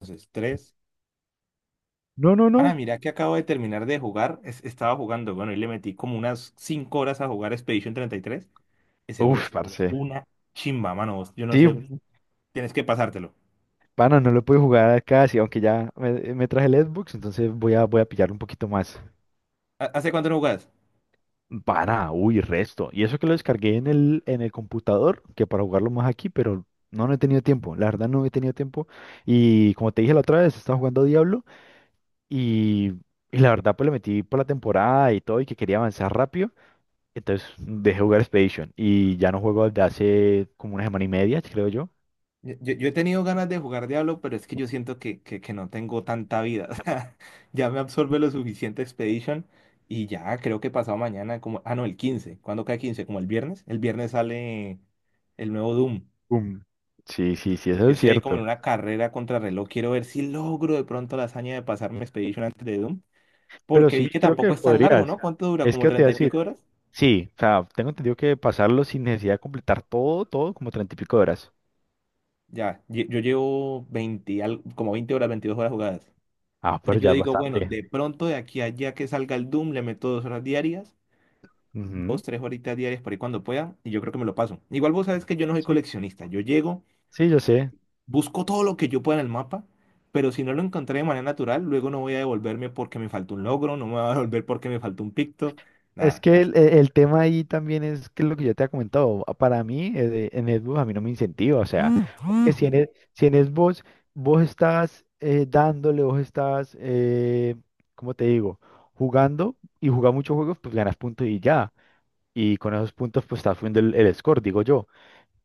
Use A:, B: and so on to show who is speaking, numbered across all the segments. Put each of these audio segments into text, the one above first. A: Entonces, tres.
B: No, no,
A: Ahora,
B: no.
A: mira que acabo de terminar de jugar. Estaba jugando, bueno, y le metí como unas cinco horas a jugar Expedition treinta y tres. Ese juego
B: Uf,
A: está
B: parce.
A: una chimba, mano. Yo no
B: Sí,
A: sé, tienes que pasártelo.
B: pana, no lo puedo jugar acá, sí, aunque ya me traje el Xbox, entonces voy a pillar un poquito más.
A: ¿Hace cuánto no jugás?
B: Pana, uy, resto. Y eso que lo descargué en el computador, que para jugarlo más aquí, pero no, no he tenido tiempo. La verdad no he tenido tiempo. Y como te dije la otra vez, estaba jugando Diablo y, y la verdad pues le metí por la temporada y todo y que quería avanzar rápido. Entonces dejé jugar Expedition y ya no juego desde hace como una semana y media, creo yo.
A: Yo he tenido ganas de jugar Diablo, pero es que yo siento que no tengo tanta vida. O sea, ya me absorbe lo suficiente Expedition, y ya creo que pasado mañana, como, ah, no, el 15. ¿Cuándo cae 15? Como el viernes. El viernes sale el nuevo Doom.
B: Um, Sí, sí, sí, eso
A: Yo
B: es
A: estoy ahí como
B: cierto.
A: en una carrera contrarreloj. Quiero ver si logro de pronto la hazaña de pasarme Expedition antes de Doom.
B: Pero
A: Porque
B: sí
A: vi que
B: creo
A: tampoco
B: que
A: es tan largo, ¿no?
B: podrías.
A: ¿Cuánto dura?
B: Es
A: ¿Como
B: que te voy a
A: 30 y
B: decir,
A: pico horas?
B: sí, o sea, tengo entendido que pasarlo sin necesidad de completar todo, todo, como treinta y pico de horas.
A: Ya, yo llevo 20, como 20 horas, 22 horas jugadas.
B: Ah, pero
A: Entonces
B: ya
A: yo
B: es
A: digo, bueno,
B: bastante.
A: de pronto de aquí a allá que salga el Doom, le meto dos horas diarias,
B: Ujú.
A: dos, tres horitas diarias por ahí cuando pueda, y yo creo que me lo paso. Igual vos sabes que yo no soy
B: Sí,
A: coleccionista. Yo llego,
B: sí, yo sé.
A: busco todo lo que yo pueda en el mapa, pero si no lo encontré de manera natural, luego no voy a devolverme porque me faltó un logro, no me voy a devolver porque me faltó un picto,
B: Es
A: nada.
B: que
A: No sé.
B: el tema ahí también es que lo que yo te he comentado, para mí en Xbox a mí no me incentiva, o sea, que si en Xbox vos estás dándole, vos estás, ¿cómo te digo? Jugando y jugar muchos juegos, pues ganas puntos y ya. Y con esos puntos, pues está subiendo el, el score, digo yo.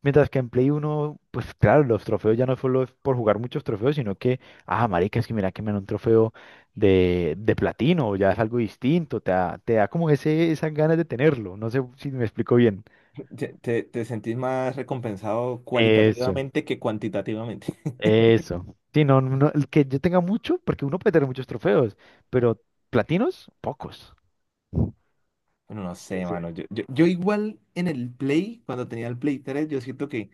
B: Mientras que en Play uno pues claro, los trofeos ya no solo es por jugar muchos trofeos, sino que, ah, marica, es que mira que me dan un trofeo de platino, ya es algo distinto, te da como esas ganas de tenerlo. No sé si me explico bien.
A: Te sentís más recompensado
B: Eso,
A: cualitativamente que cuantitativamente.
B: eso. Sí, no, no, no, el que yo tenga mucho, porque uno puede tener muchos trofeos, pero platinos, pocos.
A: Bueno, no sé,
B: Entonces,
A: mano. Yo igual en el Play, cuando tenía el Play 3, yo siento que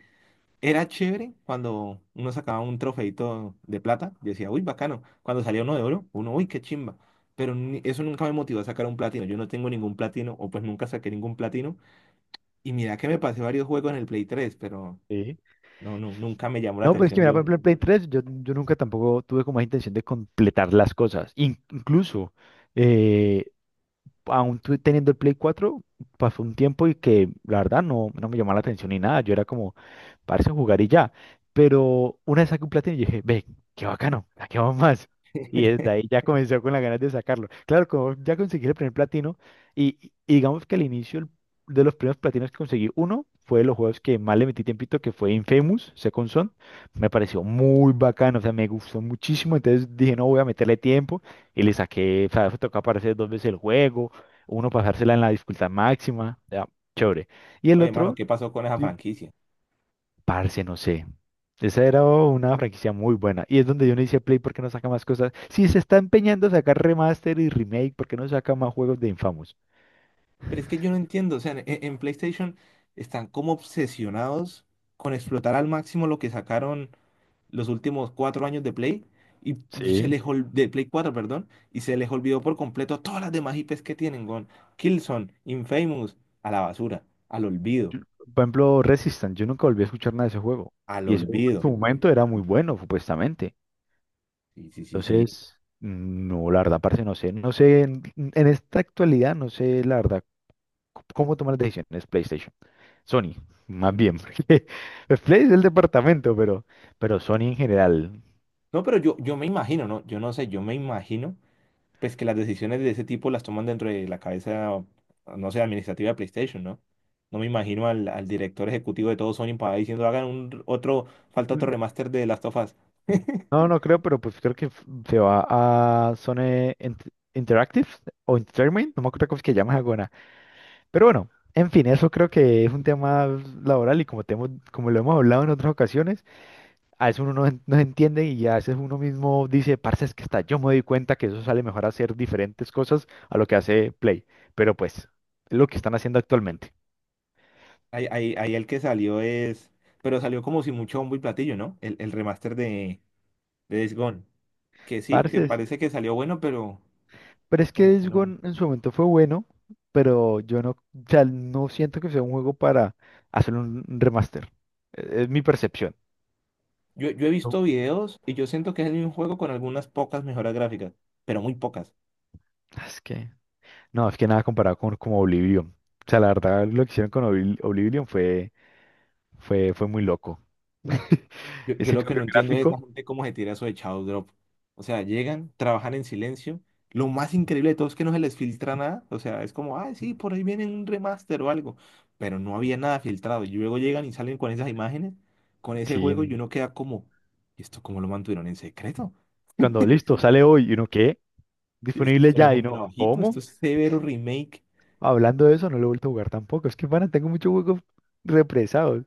A: era chévere cuando uno sacaba un trofeito de plata. Yo decía, uy, bacano. Cuando salía uno de oro, uno, uy, qué chimba. Pero eso nunca me motivó a sacar un platino. Yo no tengo ningún platino, o pues nunca saqué ningún platino. Y mira que me pasé varios juegos en el Play 3, pero
B: sí.
A: no, nunca me llamó la
B: No, pues es que
A: atención
B: mira, por
A: yo.
B: ejemplo, en Play 3 yo nunca tampoco tuve como esa intención de completar las cosas. Incluso, eh, aún teniendo el Play 4, pasó un tiempo y que la verdad no, no me llamaba la atención ni nada. Yo era como, parece jugar y ya. Pero una vez saqué un platino y dije, ve, qué bacano, saquemos más. Y desde ahí ya comenzó con las ganas de sacarlo. Claro, como ya conseguí el primer platino y digamos que al inicio de los primeros platinos que conseguí, uno fue de los juegos que más le metí tiempito, que fue Infamous, Second Son. Me pareció muy bacano, o sea, me gustó muchísimo. Entonces dije, no, voy a meterle tiempo y le saqué, o sea, fue tocar aparecer dos veces el juego. Uno pasársela en la dificultad máxima, ya, chévere. Y el
A: Oye, mano,
B: otro,
A: ¿qué pasó con esa
B: sí.
A: franquicia?
B: Parce, no sé. Esa era una franquicia muy buena. Y es donde yo no hice Play porque no saca más cosas. Si se está empeñando a sacar remaster y remake, ¿por qué no saca más juegos de Infamous?
A: Pero es que yo no entiendo, o sea, en PlayStation están como obsesionados con explotar al máximo lo que sacaron los últimos cuatro años de Play, y
B: Sí.
A: de Play cuatro, perdón, y se les olvidó por completo todas las demás IPs que tienen, con Killzone, Infamous, a la basura, al olvido,
B: Yo- Por ejemplo, Resistance. Yo nunca volví a escuchar nada de ese juego.
A: al
B: Y eso en
A: olvido.
B: su momento era muy bueno, supuestamente.
A: Sí, sí, sí, sí.
B: Entonces, no, la verdad, parce, no sé. No sé, en esta actualidad, no sé, la verdad, cómo tomar las decisiones PlayStation. Sony, más bien, porque Play es el departamento, pero Sony en general.
A: No, pero yo me imagino, ¿no? Yo no sé, yo me imagino, pues que las decisiones de ese tipo las toman dentro de la cabeza, no sé, administrativa de PlayStation, ¿no? No me imagino al director ejecutivo de todo Sony para ahí diciendo, hagan un, otro, falta otro
B: Ujú.
A: remaster de Last of Us.
B: No, no creo, pero pues creo que se va a Interactive o Entertainment, no me acuerdo cómo es que llamas alguna. Pero bueno, en fin, eso creo que es un tema laboral y como, como lo hemos hablado en otras ocasiones, a veces uno no, no entiende y a veces uno mismo dice, parce, es que está, yo me doy cuenta que eso sale mejor hacer diferentes cosas a lo que hace Play. Pero pues, es lo que están haciendo actualmente.
A: Ahí el que salió es, pero salió como si mucho bombo y platillo, ¿no? El remaster de Days Gone, que sí,
B: Parce,
A: que parece que salió bueno, pero
B: pero es que
A: como que
B: Days
A: no.
B: Gone en su momento fue bueno, pero yo no, o sea, no siento que sea un juego para hacer un remaster. Es mi percepción.
A: Yo he visto
B: No.
A: videos y yo siento que es el mismo juego con algunas pocas mejoras gráficas, pero muy pocas.
B: Es que, no, es que nada comparado con como Oblivion. O sea, la verdad, lo que hicieron con Oblivion fue, fue muy loco.
A: Yo
B: Ese
A: lo que
B: cambio
A: no entiendo es esa
B: gráfico,
A: gente cómo se tira eso de Shadow Drop. O sea, llegan, trabajan en silencio. Lo más increíble de todo es que no se les filtra nada. O sea, es como, ay, sí, por ahí viene un remaster o algo. Pero no había nada filtrado. Y luego llegan y salen con esas imágenes, con ese juego,
B: sí,
A: y uno queda como, ¿y esto cómo lo mantuvieron en secreto?
B: cuando listo, sale hoy y uno, ¿qué?
A: Si es que
B: Disponible
A: esto no es
B: ya y
A: un
B: no,
A: trabajito,
B: ¿cómo?
A: esto es severo remake.
B: Hablando de eso, no lo he vuelto a jugar tampoco. Es que, pana, tengo muchos juegos represados.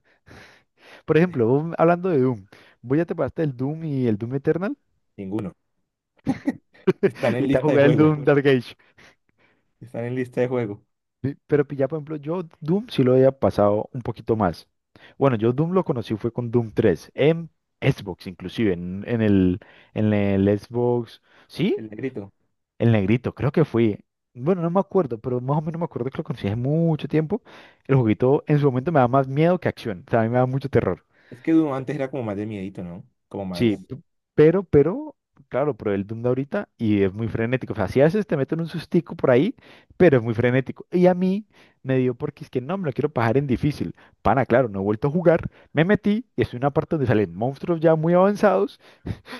B: Por ejemplo, vos hablando de Doom, ¿voy ya te pasaste el Doom y el Doom Eternal
A: Ninguno. Están
B: y
A: en
B: te vas a
A: lista de
B: jugar el
A: juego.
B: Doom Dark Age?
A: Están en lista de juego.
B: ¿Sí? Pero ya, por ejemplo, yo Doom sí lo había pasado un poquito más. Bueno, yo Doom lo conocí fue con Doom 3, en Xbox inclusive, en el Xbox, ¿sí?
A: El negrito.
B: El negrito, creo que fui. Bueno, no me acuerdo, pero más o menos me acuerdo que lo conocí hace mucho tiempo. El juguito en su momento me da más miedo que acción, o sea, a mí me da mucho terror.
A: Es que Doom antes era como más de miedito, ¿no? Como
B: Sí,
A: más.
B: pero, claro, probé el Doom de ahorita y es muy frenético. O sea, si a veces te meten un sustico por ahí, pero es muy frenético. Y a mí me dio porque es que no, me lo quiero pasar en difícil. Pana, claro, no he vuelto a jugar. Me metí y es una parte donde salen monstruos ya muy avanzados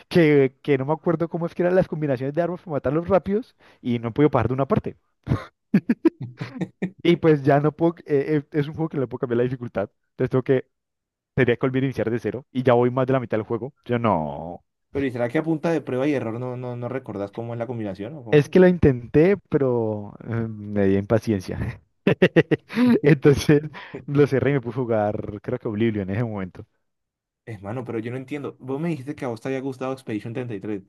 B: que no me acuerdo cómo es que eran las combinaciones de armas para matarlos rápidos y no he podido pasar de una parte. Y pues ya no puedo, es un juego que no le puedo cambiar la dificultad. Entonces tengo que, tendría que volver a iniciar de cero y ya voy más de la mitad del juego. Yo no.
A: Pero ¿y será que a punta de prueba y error no, no recordás cómo es la combinación o
B: Es
A: cómo?
B: que lo intenté, pero me di impaciencia. Entonces lo cerré y me puse a jugar, creo que Oblivion en ese momento.
A: Es mano, pero yo no entiendo. Vos me dijiste que a vos te había gustado Expedition 33.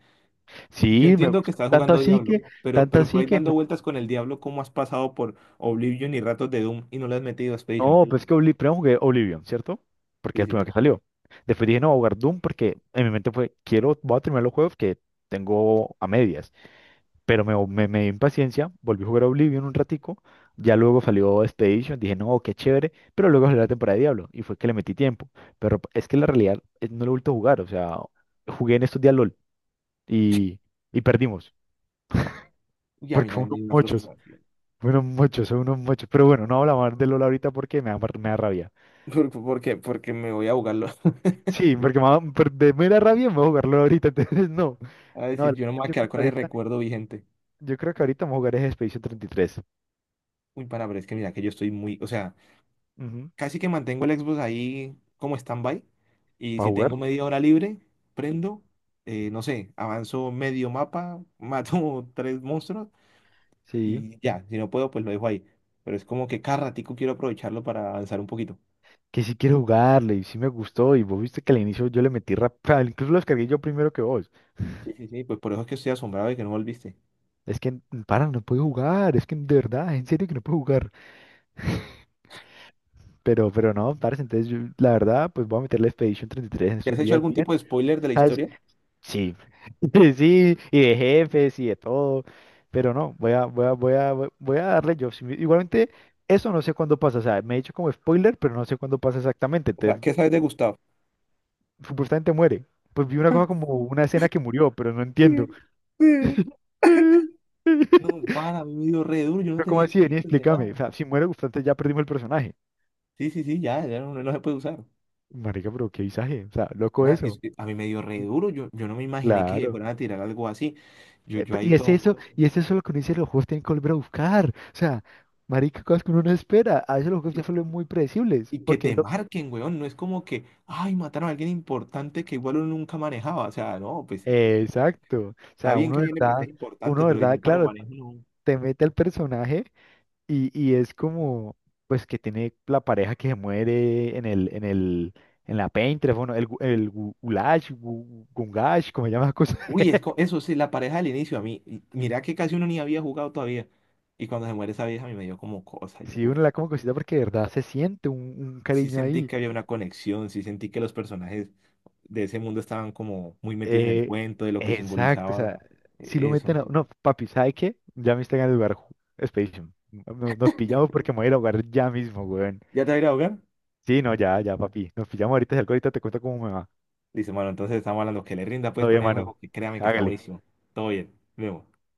A: Yo
B: Sí, me
A: entiendo que
B: gusta.
A: estás
B: Tanto Ah,
A: jugando
B: así
A: Diablo,
B: que,
A: pero,
B: tanto
A: por
B: así
A: ahí
B: que
A: dando
B: no,
A: vueltas con el Diablo, ¿cómo has pasado por Oblivion y ratos de Doom y no le has metido a Expedition?
B: no, sí. Pues que primero jugué Oblivion, ¿cierto? Porque
A: Sí,
B: es el
A: sí,
B: primero
A: sí.
B: que salió. Después dije, no, voy a jugar Doom porque en mi mente fue, quiero, voy a terminar los juegos que tengo a medias. Pero me dio impaciencia, volví a jugar Oblivion un ratico, ya luego salió Expedition, dije, no, qué chévere, pero luego salió la temporada de Diablo y fue que le metí tiempo. Pero es que la realidad no lo he vuelto a jugar, o sea, jugué en estos días LOL y, y perdimos,
A: Y a mí
B: porque
A: también me dio una frustración.
B: fueron unos mochos, son unos mochos. Pero bueno, no hablamos más de LOL ahorita porque me da, me da rabia.
A: ¿Por qué? Porque me voy a jugarlo.
B: Sí, porque me da, de mera rabia me voy a jugar LOL ahorita, entonces no,
A: A
B: no,
A: decir, yo no me voy a
B: creo
A: quedar
B: que
A: con ese
B: ahorita,
A: recuerdo vigente.
B: yo creo que ahorita vamos a jugar es Expedition 33.
A: Uy, pana, pero es que mira que yo estoy muy, o sea,
B: Ujú,
A: casi que mantengo el Xbox ahí como stand-by. Y
B: ¿para
A: si
B: jugar?
A: tengo media hora libre, prendo, no sé, avanzo medio mapa, mato tres monstruos
B: Sí,
A: y ya. Si no puedo, pues lo dejo ahí. Pero es como que cada ratico quiero aprovecharlo para avanzar un poquito.
B: que sí quiero jugarle y sí me gustó y vos viste que al inicio yo le metí rap, incluso lo descargué yo primero que vos.
A: Sí, sí, sí, pues por eso es que estoy asombrado de que no volviste.
B: Es que, mm, para, no puedo jugar, es que de verdad, en serio que no puedo jugar. Pero no, parce, entonces yo, la verdad, pues voy a meterle Expedition 33 en
A: ¿Te
B: estos
A: has hecho
B: días
A: algún
B: bien.
A: tipo de spoiler de la
B: ¿Sabes?
A: historia?
B: Sí, sí, y de jefes y de todo. Pero no, voy a darle yo. Igualmente, eso no sé cuándo pasa. O sea, me he dicho como spoiler, pero no sé cuándo pasa exactamente.
A: O sea,
B: Entonces,
A: ¿qué sabes de Gustavo?
B: supuestamente muere. Pues vi una cosa como una escena que murió, pero no entiendo. Pero
A: No, para, a mí me dio re duro, yo no
B: ¿cómo
A: tenía
B: así? Vení,
A: spoilers de nada.
B: explícame. O sea, si muere Gustante ya perdimos el personaje.
A: Sí, sí, sí, ya, ya no, no se puede usar.
B: Marica, pero qué visaje. O sea, loco
A: Ana,
B: eso.
A: a mí me dio re duro, yo no me imaginé que
B: Claro.
A: fueran a tirar algo así. Yo, yo ahí todo...
B: Y es eso lo que uno dice, los juegos tienen que volver a buscar. O sea, marica, cosas que uno no espera. A veces los juegos
A: Y,
B: ya se vuelven muy predecibles.
A: y que te marquen, weón, no es como que, ay, mataron a alguien importante que igual uno nunca manejaba. O sea, no, pues,
B: Exacto. O
A: está
B: sea,
A: bien que hay NPCs
B: uno
A: importantes,
B: de
A: pero si
B: verdad,
A: nunca lo
B: claro,
A: manejo, no.
B: te mete al personaje y es como, pues, que tiene la pareja que se muere en la Painterest, bueno, Gulash, Gungash, como se llama la cosa.
A: Uy, eso sí, la pareja del inicio a mí. Y mira que casi uno ni había jugado todavía. Y cuando se muere esa vieja, a mí me dio como cosa. Yo,
B: Sí,
A: uf,
B: uno la como cosita porque de verdad se siente un
A: sí
B: cariño
A: sentí
B: ahí.
A: que había una conexión, sí sentí que los personajes de ese mundo estaban como muy metidos en el
B: Eh,
A: cuento, de lo que
B: exacto, o
A: simbolizaba
B: sea, si lo meten
A: eso.
B: a... No, papi, ¿sabe qué? Ya me están en el lugar Expedition. Nos pillamos porque me voy a ir a jugar ya mismo, weón.
A: ¿Ya te va a ir a ahogar?
B: Sí, no, ya, ya, papi. Nos pillamos ahorita, si algo ahorita te cuento cómo me va.
A: Dice, bueno, entonces estamos hablando que le rinda pues
B: Todavía,
A: con el
B: mano.
A: juego, que créame que está
B: Hágale.
A: buenísimo. Todo bien, vemos.